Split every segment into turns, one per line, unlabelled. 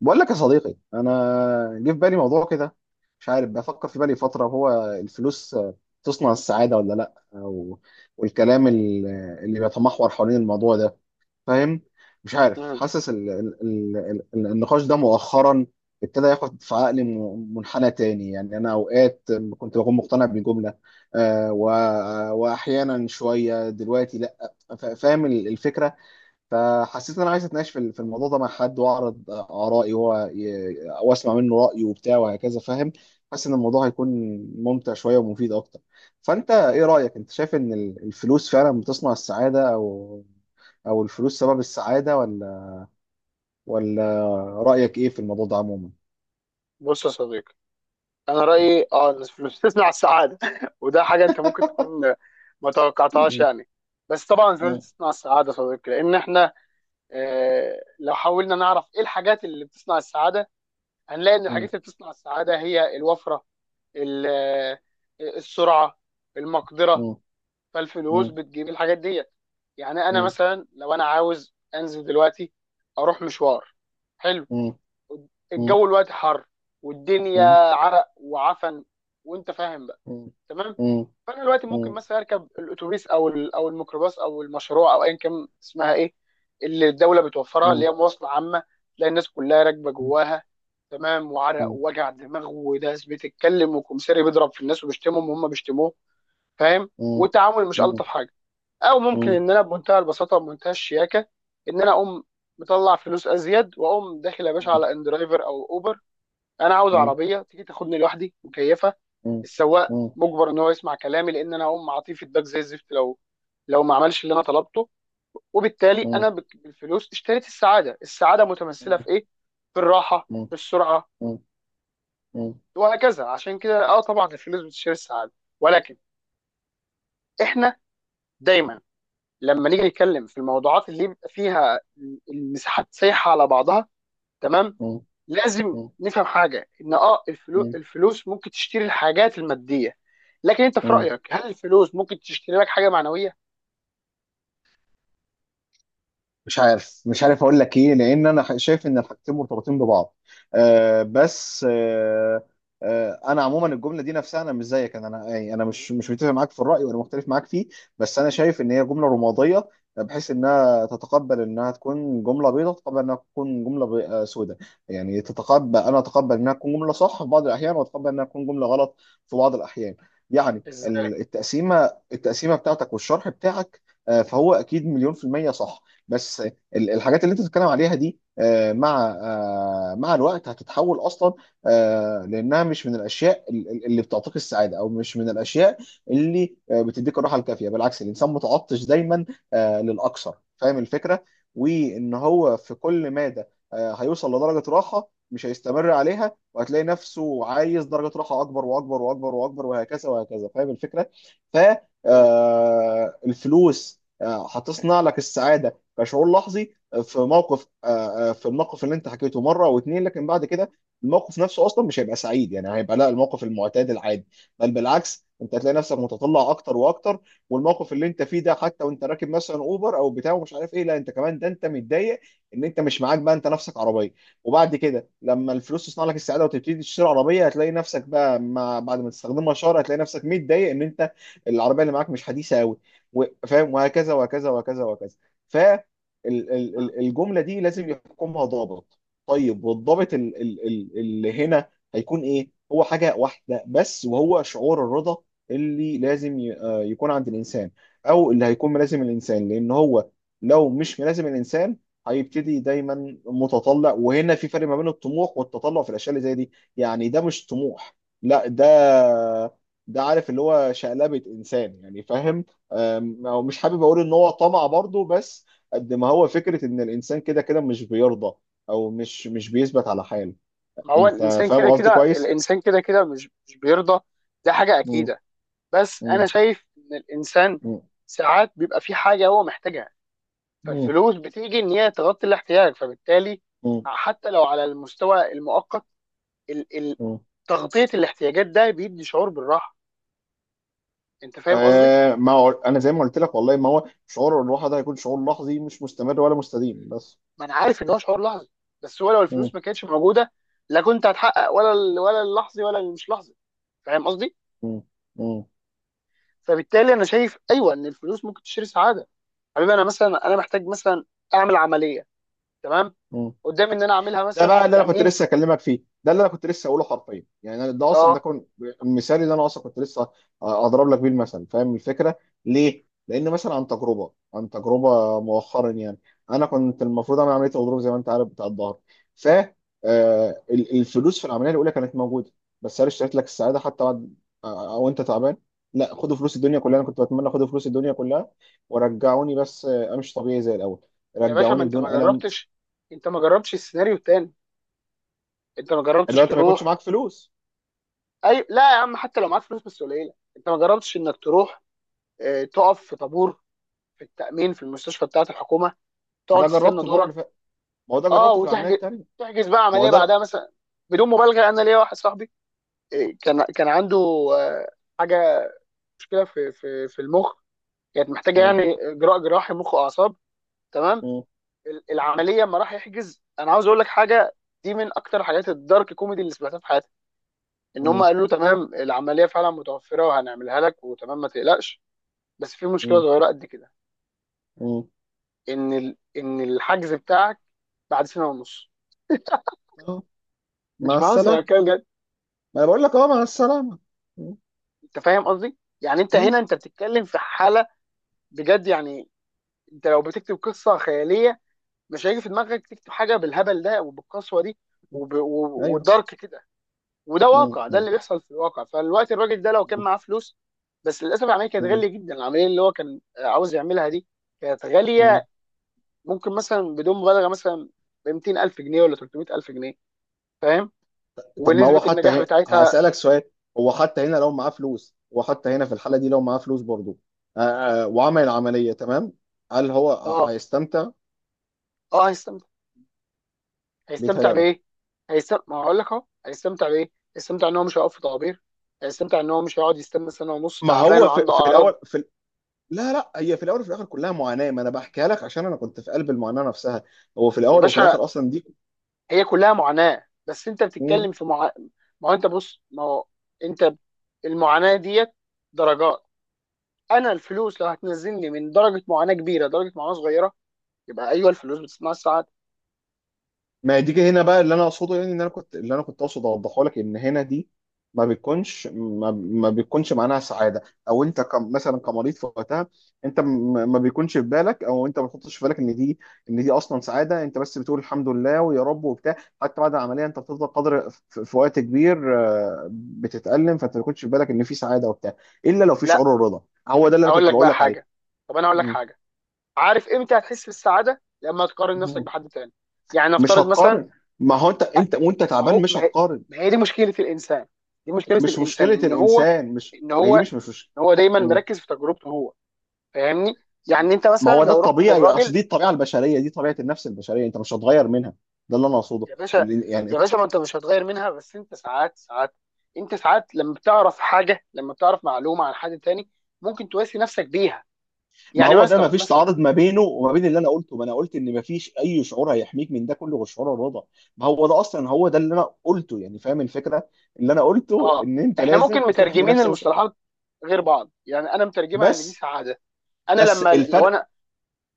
بقول لك يا صديقي، انا جه في بالي موضوع كده. مش عارف، بفكر في بالي فتره هو الفلوس تصنع السعاده ولا لا، أو والكلام اللي بيتمحور حوالين الموضوع ده، فاهم؟ مش عارف
مم.
حاسس ال النقاش ده مؤخرا ابتدى ياخد في عقلي منحنى تاني. يعني انا اوقات كنت بكون مقتنع بجمله، آه، و- واحيانا شويه دلوقتي لا، فاهم الفكره. فحسيت ان انا عايز اتناقش في الموضوع ده مع حد، واعرض ارائي واسمع منه رايه وبتاع وهكذا، فاهم؟ حاسس ان الموضوع هيكون ممتع شويه ومفيد اكتر. فانت ايه رايك؟ انت شايف ان الفلوس فعلا بتصنع السعاده، او الفلوس سبب السعاده، ولا رايك ايه في الموضوع ده عموما؟
بص يا صديقي، انا رايي إن الفلوس تصنع السعاده. وده حاجه انت ممكن تكون ما توقعتهاش
مم.
يعني. بس طبعا الفلوس بتصنع السعاده يا صديقي، لان احنا لو حاولنا نعرف ايه الحاجات اللي بتصنع السعاده، هنلاقي ان
مم.
الحاجات اللي بتصنع السعاده هي الوفره، ال- آه، السرعه، المقدره.
مم.
فالفلوس
مم.
بتجيب الحاجات دي. يعني انا
مم.
مثلا لو انا عاوز انزل دلوقتي اروح مشوار حلو،
مم. مم.
الجو الوقت حر والدنيا
مم.
عرق وعفن وانت فاهم بقى،
مم.
تمام.
مم.
فانا دلوقتي ممكن
مم.
مثلا اركب الاتوبيس او الميكروباص او المشروع او ايا كان اسمها ايه، اللي الدوله بتوفرها، اللي
مم.
هي مواصله عامه. تلاقي الناس كلها راكبه جواها، تمام، وعرق
مم.
ووجع دماغ وناس بتتكلم وكمساري بيضرب في الناس وبيشتمهم وهم بيشتموه، فاهم،
مم.
والتعامل مش الطف حاجه. او
مم.
ممكن
مم.
ان انا بمنتهى البساطه وبمنتهى الشياكه ان انا اقوم مطلع فلوس ازيد واقوم داخل يا باشا
مم.
على ان درايفر او اوبر. انا عاوز
مم.
عربيه تيجي تاخدني لوحدي مكيفه،
مم.
السواق
مم.
مجبر ان هو يسمع كلامي لان انا هقوم اعطيه فيدباك زي الزفت لو ما عملش اللي انا طلبته. وبالتالي
مم.
بالفلوس اشتريت السعاده. السعاده متمثله
مم.
في ايه؟ في الراحه،
مم.
في السرعه،
مم.
وهكذا. عشان كده طبعا الفلوس بتشتري السعاده. ولكن احنا دايما لما نيجي نتكلم في الموضوعات اللي يبقى فيها المساحات سايحه على بعضها، تمام، لازم
مم.
نفهم حاجه، ان
مم.
الفلوس ممكن تشتري الحاجات الماديه، لكن انت في
مم.
رايك هل الفلوس ممكن تشتري لك حاجه معنويه؟
مش عارف اقول لك ايه، لان انا شايف ان الحاجتين مرتبطين ببعض. آه، بس آه. آه، انا عموما الجمله دي نفسها، انا مش زيك، انا يعني انا مش متفق معاك في الراي ولا مختلف معاك فيه. بس انا شايف ان هي جمله رماديه، بحيث انها تتقبل انها تكون جمله بيضاء، تتقبل انها تكون جمله سوداء. يعني انا اتقبل انها تكون جمله صح في بعض الاحيان، واتقبل انها تكون جمله غلط في بعض الاحيان. يعني
ازاي.
التقسيمه بتاعتك والشرح بتاعك، فهو اكيد مليون في المية، صح. بس الحاجات اللي انت بتتكلم عليها دي مع الوقت هتتحول اصلا، لانها مش من الاشياء اللي بتعطيك السعاده، او مش من الاشياء اللي بتديك الراحه الكافيه. بالعكس، الانسان متعطش دايما للاكثر، فاهم الفكره؟ وان هو في كل مادة هيوصل لدرجه راحه مش هيستمر عليها، وهتلاقي نفسه عايز درجه راحه اكبر واكبر واكبر واكبر وهكذا وهكذا، فاهم الفكره؟ ف
مم.
آه، الفلوس هتصنع لك السعاده كشعور لحظي آه، في موقف آه، آه، في الموقف اللي انت حكيته مره او اتنين، لكن بعد كده الموقف نفسه اصلا مش هيبقى سعيد، يعني هيبقى لا، الموقف المعتاد العادي. بل بالعكس، انت هتلاقي نفسك متطلع اكتر واكتر، والموقف اللي انت فيه ده حتى وانت راكب مثلا اوبر او بتاع ومش عارف ايه، لا انت كمان ده انت متضايق ان انت مش معاك بقى انت نفسك عربيه. وبعد كده لما الفلوس تصنع لك السعاده وتبتدي تشتري عربيه، هتلاقي نفسك بقى مع بعد ما تستخدمها شهر هتلاقي نفسك متضايق ان انت العربيه اللي معاك مش حديثه قوي، فاهم؟ وهكذا وهكذا وهكذا وهكذا.
مم.
الجمله دي لازم يحكمها ضابط. طيب، والضابط اللي هنا هيكون ايه؟ هو حاجه واحده بس، وهو شعور الرضا اللي لازم يكون عند الانسان، او اللي هيكون ملازم الانسان، لان هو لو مش ملازم الانسان هيبتدي دايما متطلع. وهنا في فرق ما بين الطموح والتطلع في الاشياء اللي زي دي. يعني ده مش طموح، لا ده، عارف اللي هو شقلبة انسان، يعني فاهم؟ أو مش حابب اقول ان هو طمع برضه، بس قد ما هو فكرة إن الإنسان كده كده مش بيرضى، أو مش بيثبت على حاله.
ما هو
أنت
الانسان
فاهم
كده
قصدي
كده،
كويس؟
الانسان كده كده مش بيرضى، ده حاجه
مم.
اكيده. بس انا
مم.
شايف ان الانسان
مم.
ساعات بيبقى في حاجه هو محتاجها،
مم.
فالفلوس بتيجي ان هي تغطي الاحتياج. فبالتالي
مم.
حتى لو على المستوى المؤقت، ال ال
مم.
تغطيه الاحتياجات ده بيدي شعور بالراحه. انت فاهم قصدي؟
آه، ما هو أنا زي ما قلت لك، والله ما هو شعور الراحة ده هيكون شعور لحظي مش مستمر ولا مستديم، بس.
ما انا عارف ان هو شعور لحظي، بس هو لو
مم.
الفلوس ما كانتش موجوده لا كنت هتحقق ولا ولا اللحظي ولا المش لحظي. فاهم قصدي؟
مم. مم.
فبالتالي انا شايف ايوه ان الفلوس ممكن تشتري سعاده. حبيبي انا مثلا انا محتاج مثلا اعمل عمليه، تمام؟
مم.
قدامي ان انا اعملها
ده
مثلا في
بقى اللي انا كنت
التامين.
لسه اكلمك فيه، ده اللي انا كنت لسه اقوله حرفيا، يعني ده اصلا ده
اه
كان المثال اللي انا اصلا كنت لسه اضرب لك بيه المثل. فاهم الفكره؟ ليه؟ لان مثلا عن تجربه مؤخرا يعني انا كنت المفروض اعمل عمليه غضروف زي ما انت عارف بتاع الظهر. ف الفلوس في العمليه الاولى كانت موجوده، بس هل اشتريت لك السعاده حتى بعد او انت تعبان؟ لا، خدوا فلوس الدنيا كلها، انا كنت بتمنى خدوا فلوس الدنيا كلها ورجعوني بس امشي طبيعي زي الاول،
يا باشا، ما
رجعوني
انت ما
بدون الم.
جربتش، انت ما جربتش السيناريو التاني، انت ما
اللي
جربتش
هو انت ما يكونش
تروح.
معاك فلوس.
اي لا يا عم، حتى لو معاك فلوس بس قليله، انت ما جربتش انك تروح تقف في طابور في التامين في المستشفى بتاعه الحكومه، تقعد
ده
تستنى
جربته المره
دورك،
اللي فاتت، ما هو ده
اه
جربته في العمليه
وتحجز،
التانيه.
تحجز بقى
ما هو
عمليه
ده لا.
بعدها مثلا. بدون مبالغه، انا ليا واحد صاحبي، إيه، كان عنده آه، حاجه، مشكله في المخ، كانت محتاجه
م-
يعني اجراء جراحي مخ واعصاب، تمام.
م-
ال- العمليه لما راح يحجز، انا عاوز اقول لك حاجه دي من اكتر حاجات الدارك كوميدي اللي سمعتها في حياتي. ان هم
م-
قالوا له تمام العمليه فعلا متوفره وهنعملها لك وتمام ما تقلقش، بس في مشكله
م-
صغيره قد كده،
م-
ان ان الحجز بتاعك بعد سنه ونص.
م.
مش
مع
بهزر، انا
السلامه،
بتكلم بجد.
ما انا بقول لك، اه مع السلامه. م-
انت فاهم قصدي، يعني انت هنا
م-
انت بتتكلم في حاله بجد يعني، انت لو بتكتب قصه خياليه مش هيجي في دماغك تكتب حاجه بالهبل ده وبالقسوه دي
م. ايوه.
والدارك كده. وده
م-
واقع، ده
م-
اللي بيحصل في الواقع. فالوقت الراجل ده لو كان
م-
معاه فلوس، بس للاسف العمليه كانت
م-
غاليه جدا، العمليه اللي هو كان عاوز يعملها دي كانت
م.
غاليه. ممكن مثلا بدون مبالغه مثلا ب 200000 جنيه ولا 300000 جنيه، فاهم،
طب ما هو
ونسبه
حتى
النجاح بتاعتها.
هسالك سؤال. هو حتى هنا في الحاله دي لو معاه فلوس برضه وعمل العمليه تمام، هل هو
اه
هيستمتع؟
اه، هيستمتع
بيتهيألك.
بايه؟ هيستمتع ما هقول لك اهو هيستمتع بايه؟ هيستمتع ان هو مش هيقف في طوابير، هيستمتع ان هو مش هيقعد يستنى سنه ونص
ما
تعبان
هو في,
وعنده
في
اعراض.
الاول في، لا لا، هي في الاول وفي الاخر كلها معاناه، ما انا بحكيها لك عشان انا كنت في قلب المعاناه نفسها، هو في
يا
الاول وفي
باشا،
الاخر اصلا.
هي كلها معاناه، بس انت
دي.
بتتكلم في مع... ما هو انت بص، ما هو انت المعاناه ديت درجات. انا الفلوس لو هتنزلني من درجه معاناه كبيره درجه معاناه صغيره، يبقى ايوه الفلوس بتصنع السعاده.
ما دي كده هنا بقى اللي انا اقصده، يعني ان انا كنت اللي انا كنت اقصد اوضحه لك ان هنا دي ما بتكونش معناها سعاده، او انت مثلا كمريض في وقتها، انت ما بيكونش في بالك، او انت ما بتحطش في بالك ان دي، ان دي اصلا سعاده. انت بس بتقول الحمد لله ويا رب وبتاع. حتى بعد العمليه انت بتفضل قدر في وقت كبير بتتالم، فانت ما بيكونش في بالك ان في سعاده وبتاع، الا لو في شعور
لا،
الرضا. هو ده اللي انا
اقول
كنت
لك
بقول
بقى
لك عليه.
حاجه، طب انا اقول لك
م-
حاجه، عارف امتى هتحس بالسعاده؟ لما تقارن نفسك
م-
بحد تاني. يعني
مش
نفترض مثلا،
هتقارن، ما هو انت وانت
ما
تعبان
هو
مش
ما هي
هتقارن.
ما هي دي مشكله الانسان، دي مشكله
مش
الانسان
مشكله الانسان مش،
ان
ما هي
هو
دي
ان هو دايما
مم.
مركز في تجربته هو، فاهمني. يعني انت
ما
مثلا
هو ده
لو رحت
الطبيعي، اصل
للراجل.
دي الطبيعه البشريه، دي طبيعه النفس البشريه، انت مش هتغير منها. ده اللي انا اقصده.
يا باشا،
يعني،
يا باشا، ما انت مش هتغير منها، بس انت ساعات ساعات، انت ساعات لما بتعرف حاجه، لما بتعرف معلومه عن حد تاني ممكن تواسي نفسك بيها.
ما
يعني
هو ده ما
مثلا
فيش
مثلا،
تعارض ما بينه وما بين اللي انا قلته، ما انا قلت ان ما فيش اي شعور هيحميك من ده كله غير شعور الرضا. ما هو ده اصلا هو ده اللي انا قلته، يعني فاهم الفكره؟ اللي انا قلته
اه
ان انت
احنا ممكن
لازم تحمي
مترجمين
نفسك
المصطلحات غير بعض، يعني انا مترجمها ان دي
بس.
سعاده. انا لما
الفرق،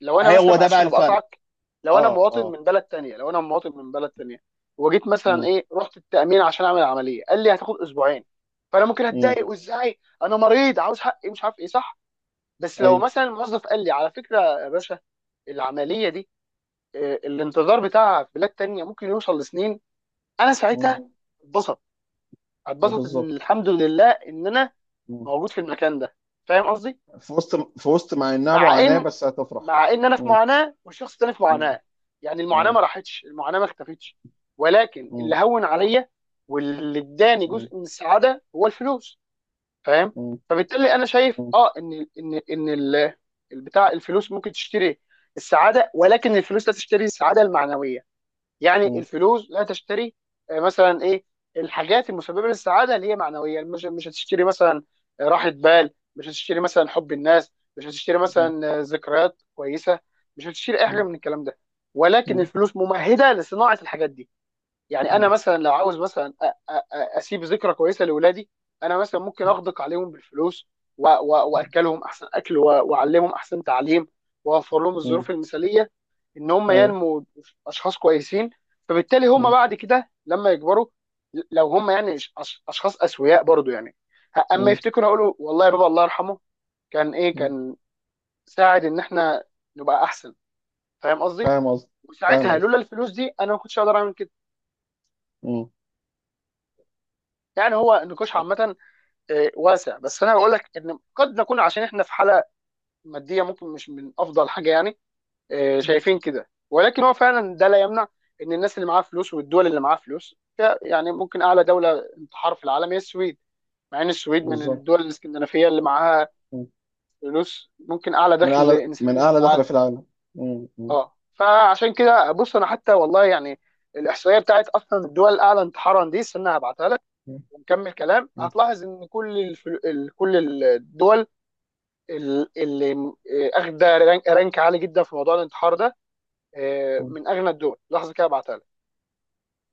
لو انا مثلا
هو ده
معلش
بقى
انا
الفرق.
بقطعك، لو انا
اه،
مواطن
اه.
من بلد تانية، لو انا مواطن من بلد تانية وجيت مثلا
امم
ايه رحت التأمين عشان اعمل عملية قال لي هتاخد اسبوعين، فانا ممكن
امم
اتضايق وازاي انا مريض عاوز حقي مش عارف ايه صح. بس لو
ايوه.
مثلا الموظف قال لي على فكرة يا باشا العملية دي الانتظار بتاعها في بلاد تانية ممكن يوصل لسنين، انا
امم
ساعتها اتبسط، اتبسط ان
بالظبط.
الحمد لله ان انا موجود في المكان ده، فاهم قصدي.
في وسط مع انها
مع
معاناة
ان
بس هتفرح.
مع ان انا في
مم.
معاناه والشخص الثاني في
مم.
معاناه، يعني المعاناه
مم.
ما راحتش المعاناه ما اختفتش، ولكن اللي
مم.
هون عليا واللي اداني
مم.
جزء من السعاده هو الفلوس. فاهم.
مم.
فبالتالي انا شايف البتاع الفلوس ممكن تشتري السعاده، ولكن الفلوس لا تشتري السعاده المعنويه.
مم.
يعني
مم.
الفلوس لا تشتري مثلا ايه، الحاجات المسببه للسعاده اللي هي معنويه مش هتشتري مثلا راحه بال، مش هتشتري مثلا حب الناس، مش هتشتري
مم.
مثلا ذكريات كويسه، مش هتشتري اي حاجه من الكلام ده. ولكن
مم.
الفلوس ممهده لصناعه الحاجات دي. يعني انا
مم.
مثلا لو عاوز مثلا اسيب ذكرى كويسه لاولادي، انا مثلا ممكن
مم.
اغدق عليهم بالفلوس و- و- واكلهم احسن اكل واعلمهم احسن تعليم، واوفر لهم
مم.
الظروف المثاليه ان هم
ايوه.
ينموا اشخاص كويسين. فبالتالي هم
مم.
بعد كده لما يكبروا، لو هم يعني اشخاص اسوياء برضو يعني، اما
مم.
يفتكروا يقولوا والله يا بابا الله يرحمه كان ايه،
مم.
كان ساعد ان احنا نبقى احسن، فاهم قصدي.
فاهم قصدي، فاهم
وساعتها
قصدي.
لولا الفلوس دي انا ما كنتش اقدر اعمل كده.
مم.
يعني هو النقاش عامه واسع، بس انا بقول لك ان قد نكون عشان احنا في حاله ماديه ممكن مش من افضل حاجه يعني
مم.
شايفين كده، ولكن هو فعلا ده لا يمنع ان الناس اللي معاها فلوس والدول اللي معاها فلوس يعني ممكن اعلى دوله انتحار في العالم هي السويد، مع ان السويد من
بالظبط.
الدول الاسكندنافيه اللي معاها
مم.
فلوس ممكن اعلى
من
دخل
اعلى من
انسان في
اعلى دخلة
العالم.
في العالم. مم. مم.
اه فعشان كده بص، انا حتى والله يعني الاحصائيه بتاعت اصلا الدول الاعلى انتحارا دي استنى هبعتها لك ونكمل كلام.
مم.
هتلاحظ ان كل الدول اللي اخده رانك عالي جدا في موضوع الانتحار ده، من
مم.
اغنى الدول، لحظه كده هبعتها لك.